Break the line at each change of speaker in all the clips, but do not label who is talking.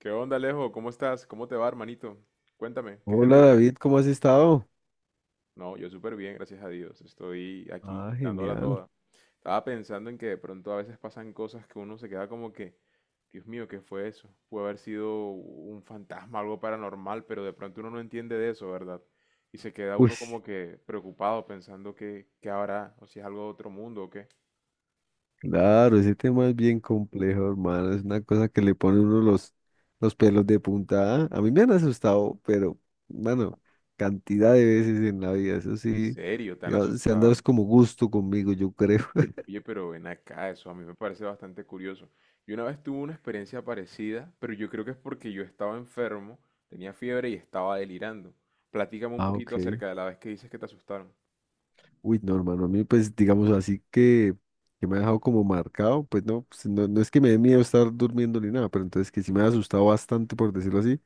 ¿Qué onda, Alejo? ¿Cómo estás? ¿Cómo te va, hermanito? Cuéntame, ¿qué es de tu
Hola
día?
David, ¿cómo has estado?
No, yo súper bien, gracias a Dios. Estoy aquí
Ah,
dándola
genial.
toda. Estaba pensando en que de pronto a veces pasan cosas que uno se queda como que, Dios mío, ¿qué fue eso? Puede haber sido un fantasma, algo paranormal, pero de pronto uno no entiende de eso, ¿verdad? Y se queda
Uy,
uno como que preocupado pensando que, qué habrá, o si es algo de otro mundo o qué.
claro, ese tema es bien complejo, hermano. Es una cosa que le pone uno los pelos de punta. A mí me han asustado, pero bueno, cantidad de veces en la vida. Eso
En
sí,
serio, tan
digamos, se han dado es
asustado.
como gusto conmigo, yo creo.
Oye, pero ven acá, eso a mí me parece bastante curioso. Yo una vez tuve una experiencia parecida, pero yo creo que es porque yo estaba enfermo, tenía fiebre y estaba delirando. Platícame un
Ah,
poquito
ok.
acerca de la vez que dices que te asustaron.
No, hermano, a mí pues digamos así que me ha dejado como marcado, pues no, pues, no es que me dé miedo estar durmiendo ni nada, pero entonces que sí me ha asustado bastante, por decirlo así.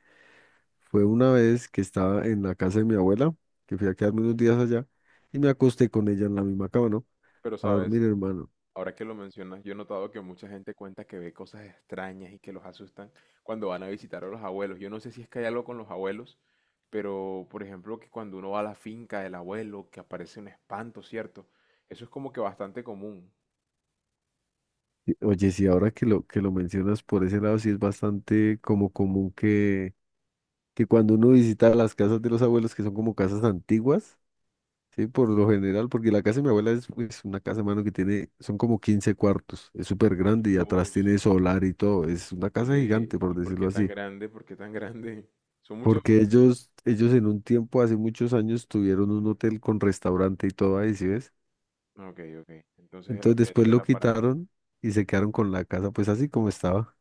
Fue una vez que estaba en la casa de mi abuela, que fui a quedarme unos días allá, y me acosté con ella en la misma cama, ¿no?
Pero
A
sabes,
dormir, hermano.
ahora que lo mencionas, yo he notado que mucha gente cuenta que ve cosas extrañas y que los asustan cuando van a visitar a los abuelos. Yo no sé si es que hay algo con los abuelos, pero por ejemplo que cuando uno va a la finca del abuelo, que aparece un espanto, ¿cierto? Eso es como que bastante común.
Oye, sí, ahora que lo mencionas por ese lado, sí es bastante como común que cuando uno visita las casas de los abuelos, que son como casas antiguas, sí, por lo general, porque la casa de mi abuela es pues, una casa, hermano, que tiene, son como 15 cuartos, es súper grande y
Yo...
atrás tiene solar y todo, es una casa
Oye,
gigante, por
¿y por
decirlo
qué tan
así.
grande? ¿Por qué tan grande? Son muchos...
Porque ellos en un tiempo, hace muchos años, tuvieron un hotel con restaurante y todo ahí, ¿sí ves?
Ok, ok. Entonces
Entonces
eso
después lo
era para...
quitaron y se quedaron con la casa, pues así como estaba.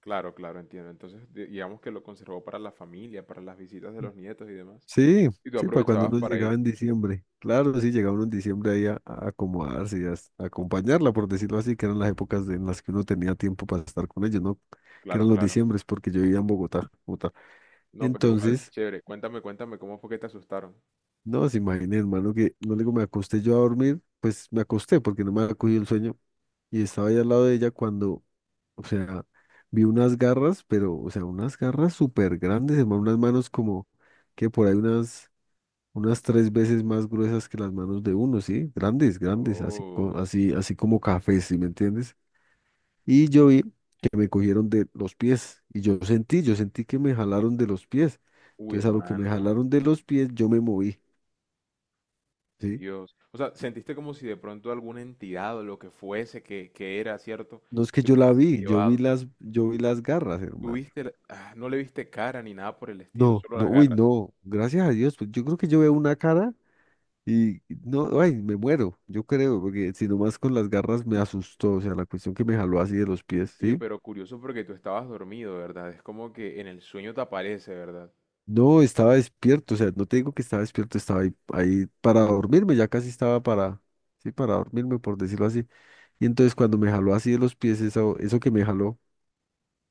Claro, claro, entiendo. Entonces digamos que lo conservó para la familia, para las visitas de los nietos y demás.
Sí,
Y tú
sí, para cuando
aprovechabas
uno
para
llegaba
ir.
en diciembre. Claro, sí, llegaba uno en diciembre ahí a acomodarse y a acompañarla, por decirlo así, que eran las épocas en las que uno tenía tiempo para estar con ellos, ¿no? Que
Claro,
eran los
claro.
diciembres, porque yo vivía en Bogotá, Bogotá.
No, pero igual,
Entonces,
chévere. Cuéntame, cuéntame, ¿cómo fue que te asustaron?
no, se imagina, hermano, que no le digo, me acosté yo a dormir, pues me acosté porque no me había cogido el sueño. Y estaba ahí al lado de ella cuando, o sea, vi unas garras, pero, o sea, unas garras súper grandes, hermano, unas manos como que por ahí unas, unas tres veces más gruesas que las manos de uno, ¿sí? Grandes, grandes,
Dios.
así, así como cafés, ¿sí me entiendes? Y yo vi que me cogieron de los pies y yo sentí que me jalaron de los pies.
Uy,
Entonces, a lo que me
hermano.
jalaron de los pies, yo me moví, ¿sí?
Dios. O sea, sentiste como si de pronto alguna entidad o lo que fuese que era, ¿cierto?
No es que
Te
yo la
hubiese
vi,
llevado.
yo vi las garras, hermano.
Tuviste, no le viste cara ni nada por el estilo,
No,
solo
no,
las
uy,
garras.
no, gracias a Dios, pues yo creo que yo veo una cara y no, ay, me muero, yo creo, porque si nomás con las garras me asustó, o sea, la cuestión que me jaló así de los pies,
Oye,
¿sí?
pero curioso porque tú estabas dormido, ¿verdad? Es como que en el sueño te aparece, ¿verdad?
No, estaba despierto, o sea, no te digo que estaba despierto, estaba ahí, ahí para dormirme, ya casi estaba sí, para dormirme, por decirlo así. Y entonces cuando me jaló así de los pies, eso que me jaló,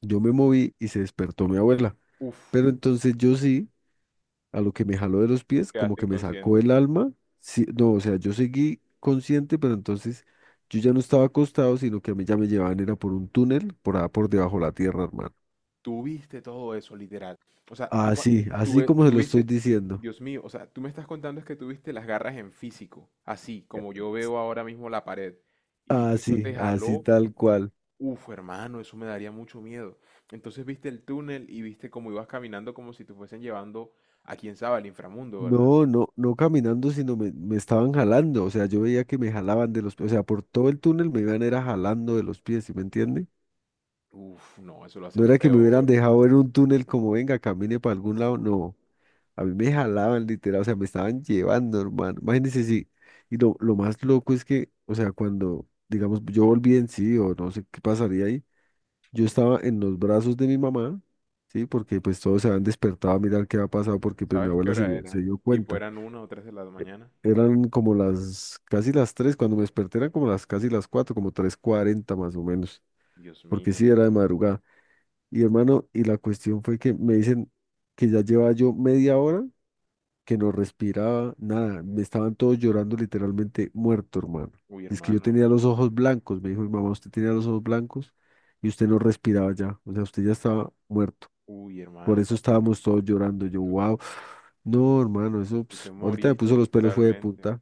yo me moví y se despertó mi abuela.
Uf,
Pero entonces yo sí. A lo que me jaló de los pies, como
quedaste
que me sacó
inconsciente.
el alma. Sí, no, o sea, yo seguí consciente, pero entonces yo ya no estaba acostado, sino que a mí ya me llevaban, era por un túnel, por debajo de la tierra, hermano.
Tú viste todo eso, literal. O sea, tú, cua-
Así,
tú,
así
ve-
como se
tú
lo estoy
viste,
diciendo.
Dios mío, o sea, tú me estás contando es que tú viste las garras en físico, así
Ya.
como yo veo ahora mismo la pared. Y eso te
Así, así
jaló.
tal cual.
Uf, hermano, eso me daría mucho miedo. Entonces viste el túnel y viste cómo ibas caminando como si te fuesen llevando a quién sabe al inframundo, ¿verdad?
No, no, no caminando, sino me estaban jalando. O sea, yo veía que me jalaban de los pies. O sea, por todo el túnel me iban era jalando de los pies, ¿sí me entiende?
Uf, no, eso lo hace
No
aún
era que me hubieran
peor.
dejado en un túnel como venga, camine para algún lado. No, a mí me jalaban literal, o sea, me estaban llevando, hermano. Imagínense, sí. Y lo más loco es que, o sea, cuando, digamos, yo volví en sí, o no sé qué pasaría ahí, yo estaba en los brazos de mi mamá, ¿sí? Porque pues todos se habían despertado a mirar qué había pasado, porque pues mi
¿Sabes qué
abuela
hora
se
era?
dio
Tipo,
cuenta.
¿eran una o tres de la mañana?
Eran como casi las 3, cuando me desperté eran como las casi las 4, como 3:40 más o menos,
Dios
porque sí
mío.
era de madrugada. Y hermano, y la cuestión fue que me dicen que ya llevaba yo media hora que no respiraba, nada, me estaban todos llorando literalmente muerto, hermano.
Uy,
Dice que yo tenía
hermano.
los ojos blancos, me dijo mi mamá, usted tenía los ojos blancos y usted no respiraba ya, o sea, usted ya estaba muerto.
Uy,
Por
hermano. O
eso
sea,
estábamos todos llorando, yo,
tú-
wow, no, hermano, eso,
tú te
ps, ahorita me
moriste
puso los pelos fue de
literalmente.
punta.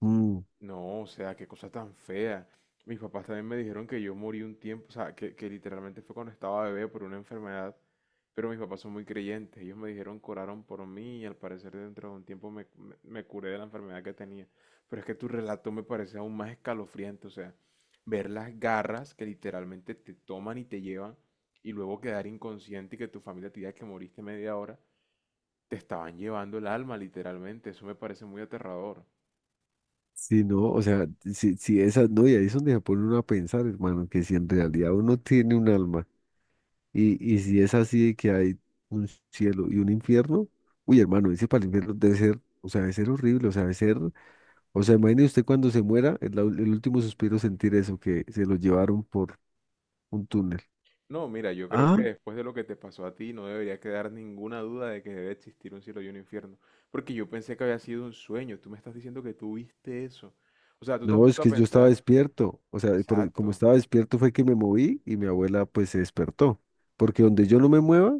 Mm,
No, o sea, qué cosa tan fea. Mis papás también me dijeron que yo morí un tiempo, o sea, que literalmente fue cuando estaba bebé por una enfermedad, pero mis papás son muy creyentes. Ellos me dijeron oraron por mí y al parecer dentro de un tiempo me curé de la enfermedad que tenía. Pero es que tu relato me parece aún más escalofriante, o sea, ver las garras que literalmente te toman y te llevan y luego quedar inconsciente y que tu familia te diga que moriste media hora, te estaban llevando el alma literalmente. Eso me parece muy aterrador.
sí, no, o sea, sí, sí, esas, no, y ahí es donde se pone uno a pensar, hermano, que si en realidad uno tiene un alma, Y si es así de que hay un cielo y un infierno, uy, hermano, ese para el infierno debe ser, o sea, debe ser horrible, o sea, debe ser, o sea, imagine usted cuando se muera, el último suspiro sentir eso, que se lo llevaron por un túnel.
No, mira, yo creo que
Ah,
después de lo que te pasó a ti no debería quedar ninguna duda de que debe existir un cielo y un infierno, porque yo pensé que había sido un sueño, tú me estás diciendo que tú viste eso. O sea, tú te has
no, es
puesto a
que yo estaba
pensar,
despierto, o sea, como
exacto.
estaba despierto fue que me moví y mi abuela pues se despertó, porque donde yo no me mueva,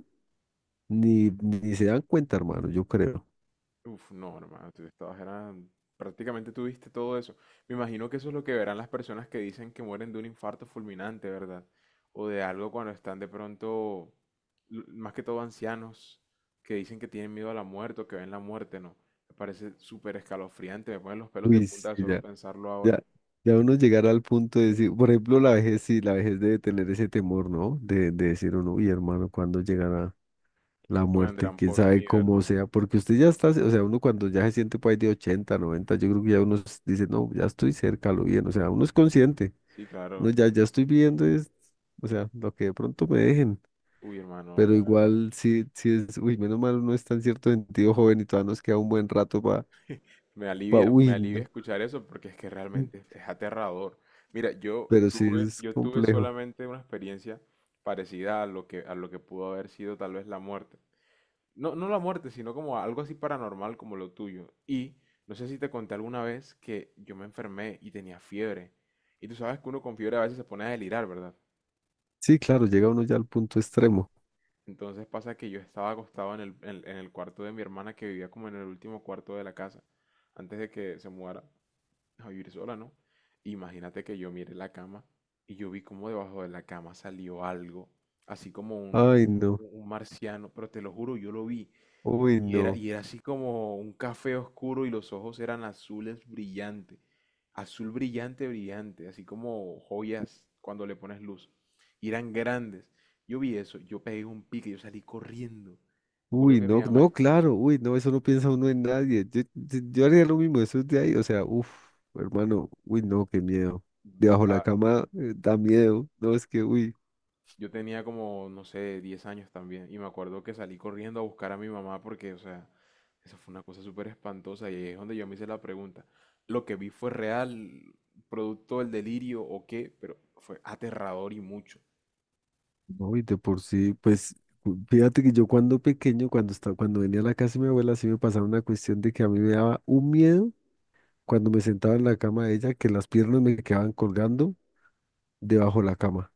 ni se dan cuenta, hermano, yo creo.
Uf, no, hermano, tú estabas, era, prácticamente tuviste todo eso. Me imagino que eso es lo que verán las personas que dicen que mueren de un infarto fulminante, ¿verdad? O de algo cuando están de pronto, más que todo ancianos, que dicen que tienen miedo a la muerte o que ven la muerte, ¿no? Me parece súper escalofriante, me ponen los pelos de
Uy,
punta
sí,
de solo pensarlo ahora.
ya, ya uno llegar al punto de decir, por ejemplo, la vejez, sí, la vejez debe tener ese temor, ¿no? De decir uno, uy, hermano, ¿cuándo llegará la
¿Cuánto
muerte?
vendrán
¿Quién
por
sabe
mí,
cómo
verdad?
sea? Porque usted ya está, o sea, uno cuando ya se siente por ahí de 80, 90 yo creo que ya uno dice, no, ya estoy cerca, lo bien, o sea, uno es consciente,
Sí, claro.
ya estoy viviendo, es, o sea, lo que de pronto me dejen.
Uy, hermano,
Pero
la verdad.
igual sí, sí es, uy, menos mal uno está en cierto sentido joven y todavía nos queda un buen rato para,
Me alivia, me
uy,
alivia
no.
escuchar eso porque es que realmente es aterrador. Mira, yo
Pero sí
tuve,
es
yo tuve
complejo.
solamente una experiencia parecida a lo que pudo haber sido tal vez la muerte. No, no la muerte, sino como algo así paranormal como lo tuyo. Y no sé si te conté alguna vez que yo me enfermé y tenía fiebre. Y tú sabes que uno con fiebre a veces se pone a delirar, ¿verdad?
Sí, claro, llega uno ya al punto extremo.
Entonces pasa que yo estaba acostado en el, en el cuarto de mi hermana, que vivía como en el último cuarto de la casa, antes de que se mudara a vivir sola, ¿no? Imagínate que yo mire la cama y yo vi como debajo de la cama salió algo, así como
Ay, no,
un marciano, pero te lo juro, yo lo vi.
uy, no,
Y era así como un café oscuro y los ojos eran azules brillantes. Azul brillante, brillante, así como joyas cuando le pones luz. Y eran grandes. Yo vi eso, yo pegué un pique, yo salí corriendo. Me acuerdo
uy,
que mi
no,
mamá
no, claro, uy, no, eso no piensa uno en nadie. Yo, yo haría lo mismo, eso es de ahí, o sea, uff, hermano, uy, no, qué miedo. Debajo la
está...
cama da miedo, no, es que, uy,
Yo tenía como, no sé, 10 años también. Y me acuerdo que salí corriendo a buscar a mi mamá porque, o sea, esa fue una cosa súper espantosa. Y ahí es donde yo me hice la pregunta. ¿Lo que vi fue real, producto del delirio o qué? Pero fue aterrador y mucho.
no, y de por sí, pues, fíjate que yo cuando pequeño, cuando estaba, cuando venía a la casa de mi abuela, sí me pasaba una cuestión de que a mí me daba un miedo cuando me sentaba en la cama de ella, que las piernas me quedaban colgando debajo de la cama.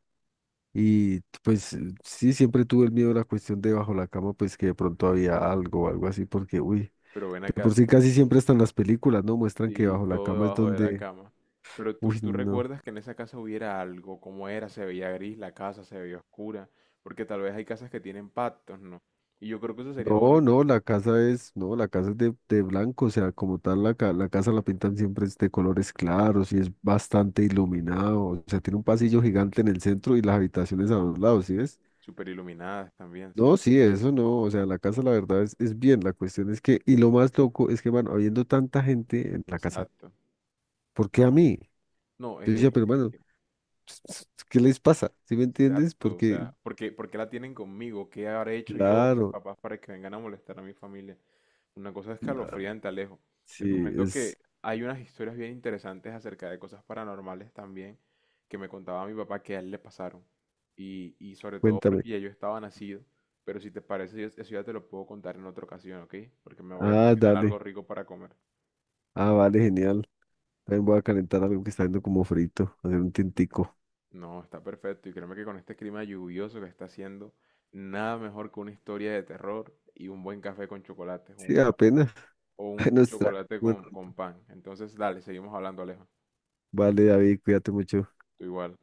Y pues sí, siempre tuve el miedo a la cuestión de bajo la cama, pues que de pronto había algo o algo así, porque, uy,
Pero ven
de
acá,
por sí casi siempre están las películas, ¿no? Muestran que
sí,
bajo la
todo
cama es
debajo de la
donde,
cama. Pero tú,
uy,
tú
no.
recuerdas que en esa casa hubiera algo, cómo era, ¿se veía gris la casa, se veía oscura, porque tal vez hay casas que tienen pactos, ¿no? Y yo creo que eso sería bueno,
No, no, la casa es, no, la casa es de blanco, o sea, como tal, la casa la pintan siempre es de colores claros y es bastante iluminado, o sea, tiene un pasillo gigante en el centro y las habitaciones a los lados, ¿sí ves?
súper iluminadas también,
No,
¿cierto?
sí, eso no, o sea, la casa la verdad es bien, la cuestión es que, y lo más loco es que, van habiendo tanta gente en la casa.
Exacto.
¿Por qué a mí?
No,
Yo decía, pero bueno, ¿qué les pasa? ¿Sí me entiendes?
exacto, o
Porque,
sea, por qué la tienen conmigo? ¿Qué habré hecho yo, mis
claro,
papás, para que vengan a molestar a mi familia? Una cosa
la-
escalofriante, Alejo.
sí,
Te comento que
es,
hay unas historias bien interesantes acerca de cosas paranormales también que me contaba mi papá que a él le pasaron. Y sobre todo porque
cuéntame.
ya yo estaba nacido, pero si te parece, eso ya te lo puedo contar en otra ocasión, ¿ok? Porque me voy a
Ah,
cocinar algo
dale.
rico para comer.
Ah, vale, genial. También voy a calentar algo que está viendo como frito, hacer un tintico.
No, está perfecto. Y créeme que con este clima lluvioso que está haciendo, nada mejor que una historia de terror y un buen café con chocolate,
Sí,
un,
apenas.
o un,
Ahí
un
nos trae.
chocolate
Bueno,
con pan. Entonces, dale, seguimos hablando, Alejo.
vale, David, cuídate mucho.
Tú igual.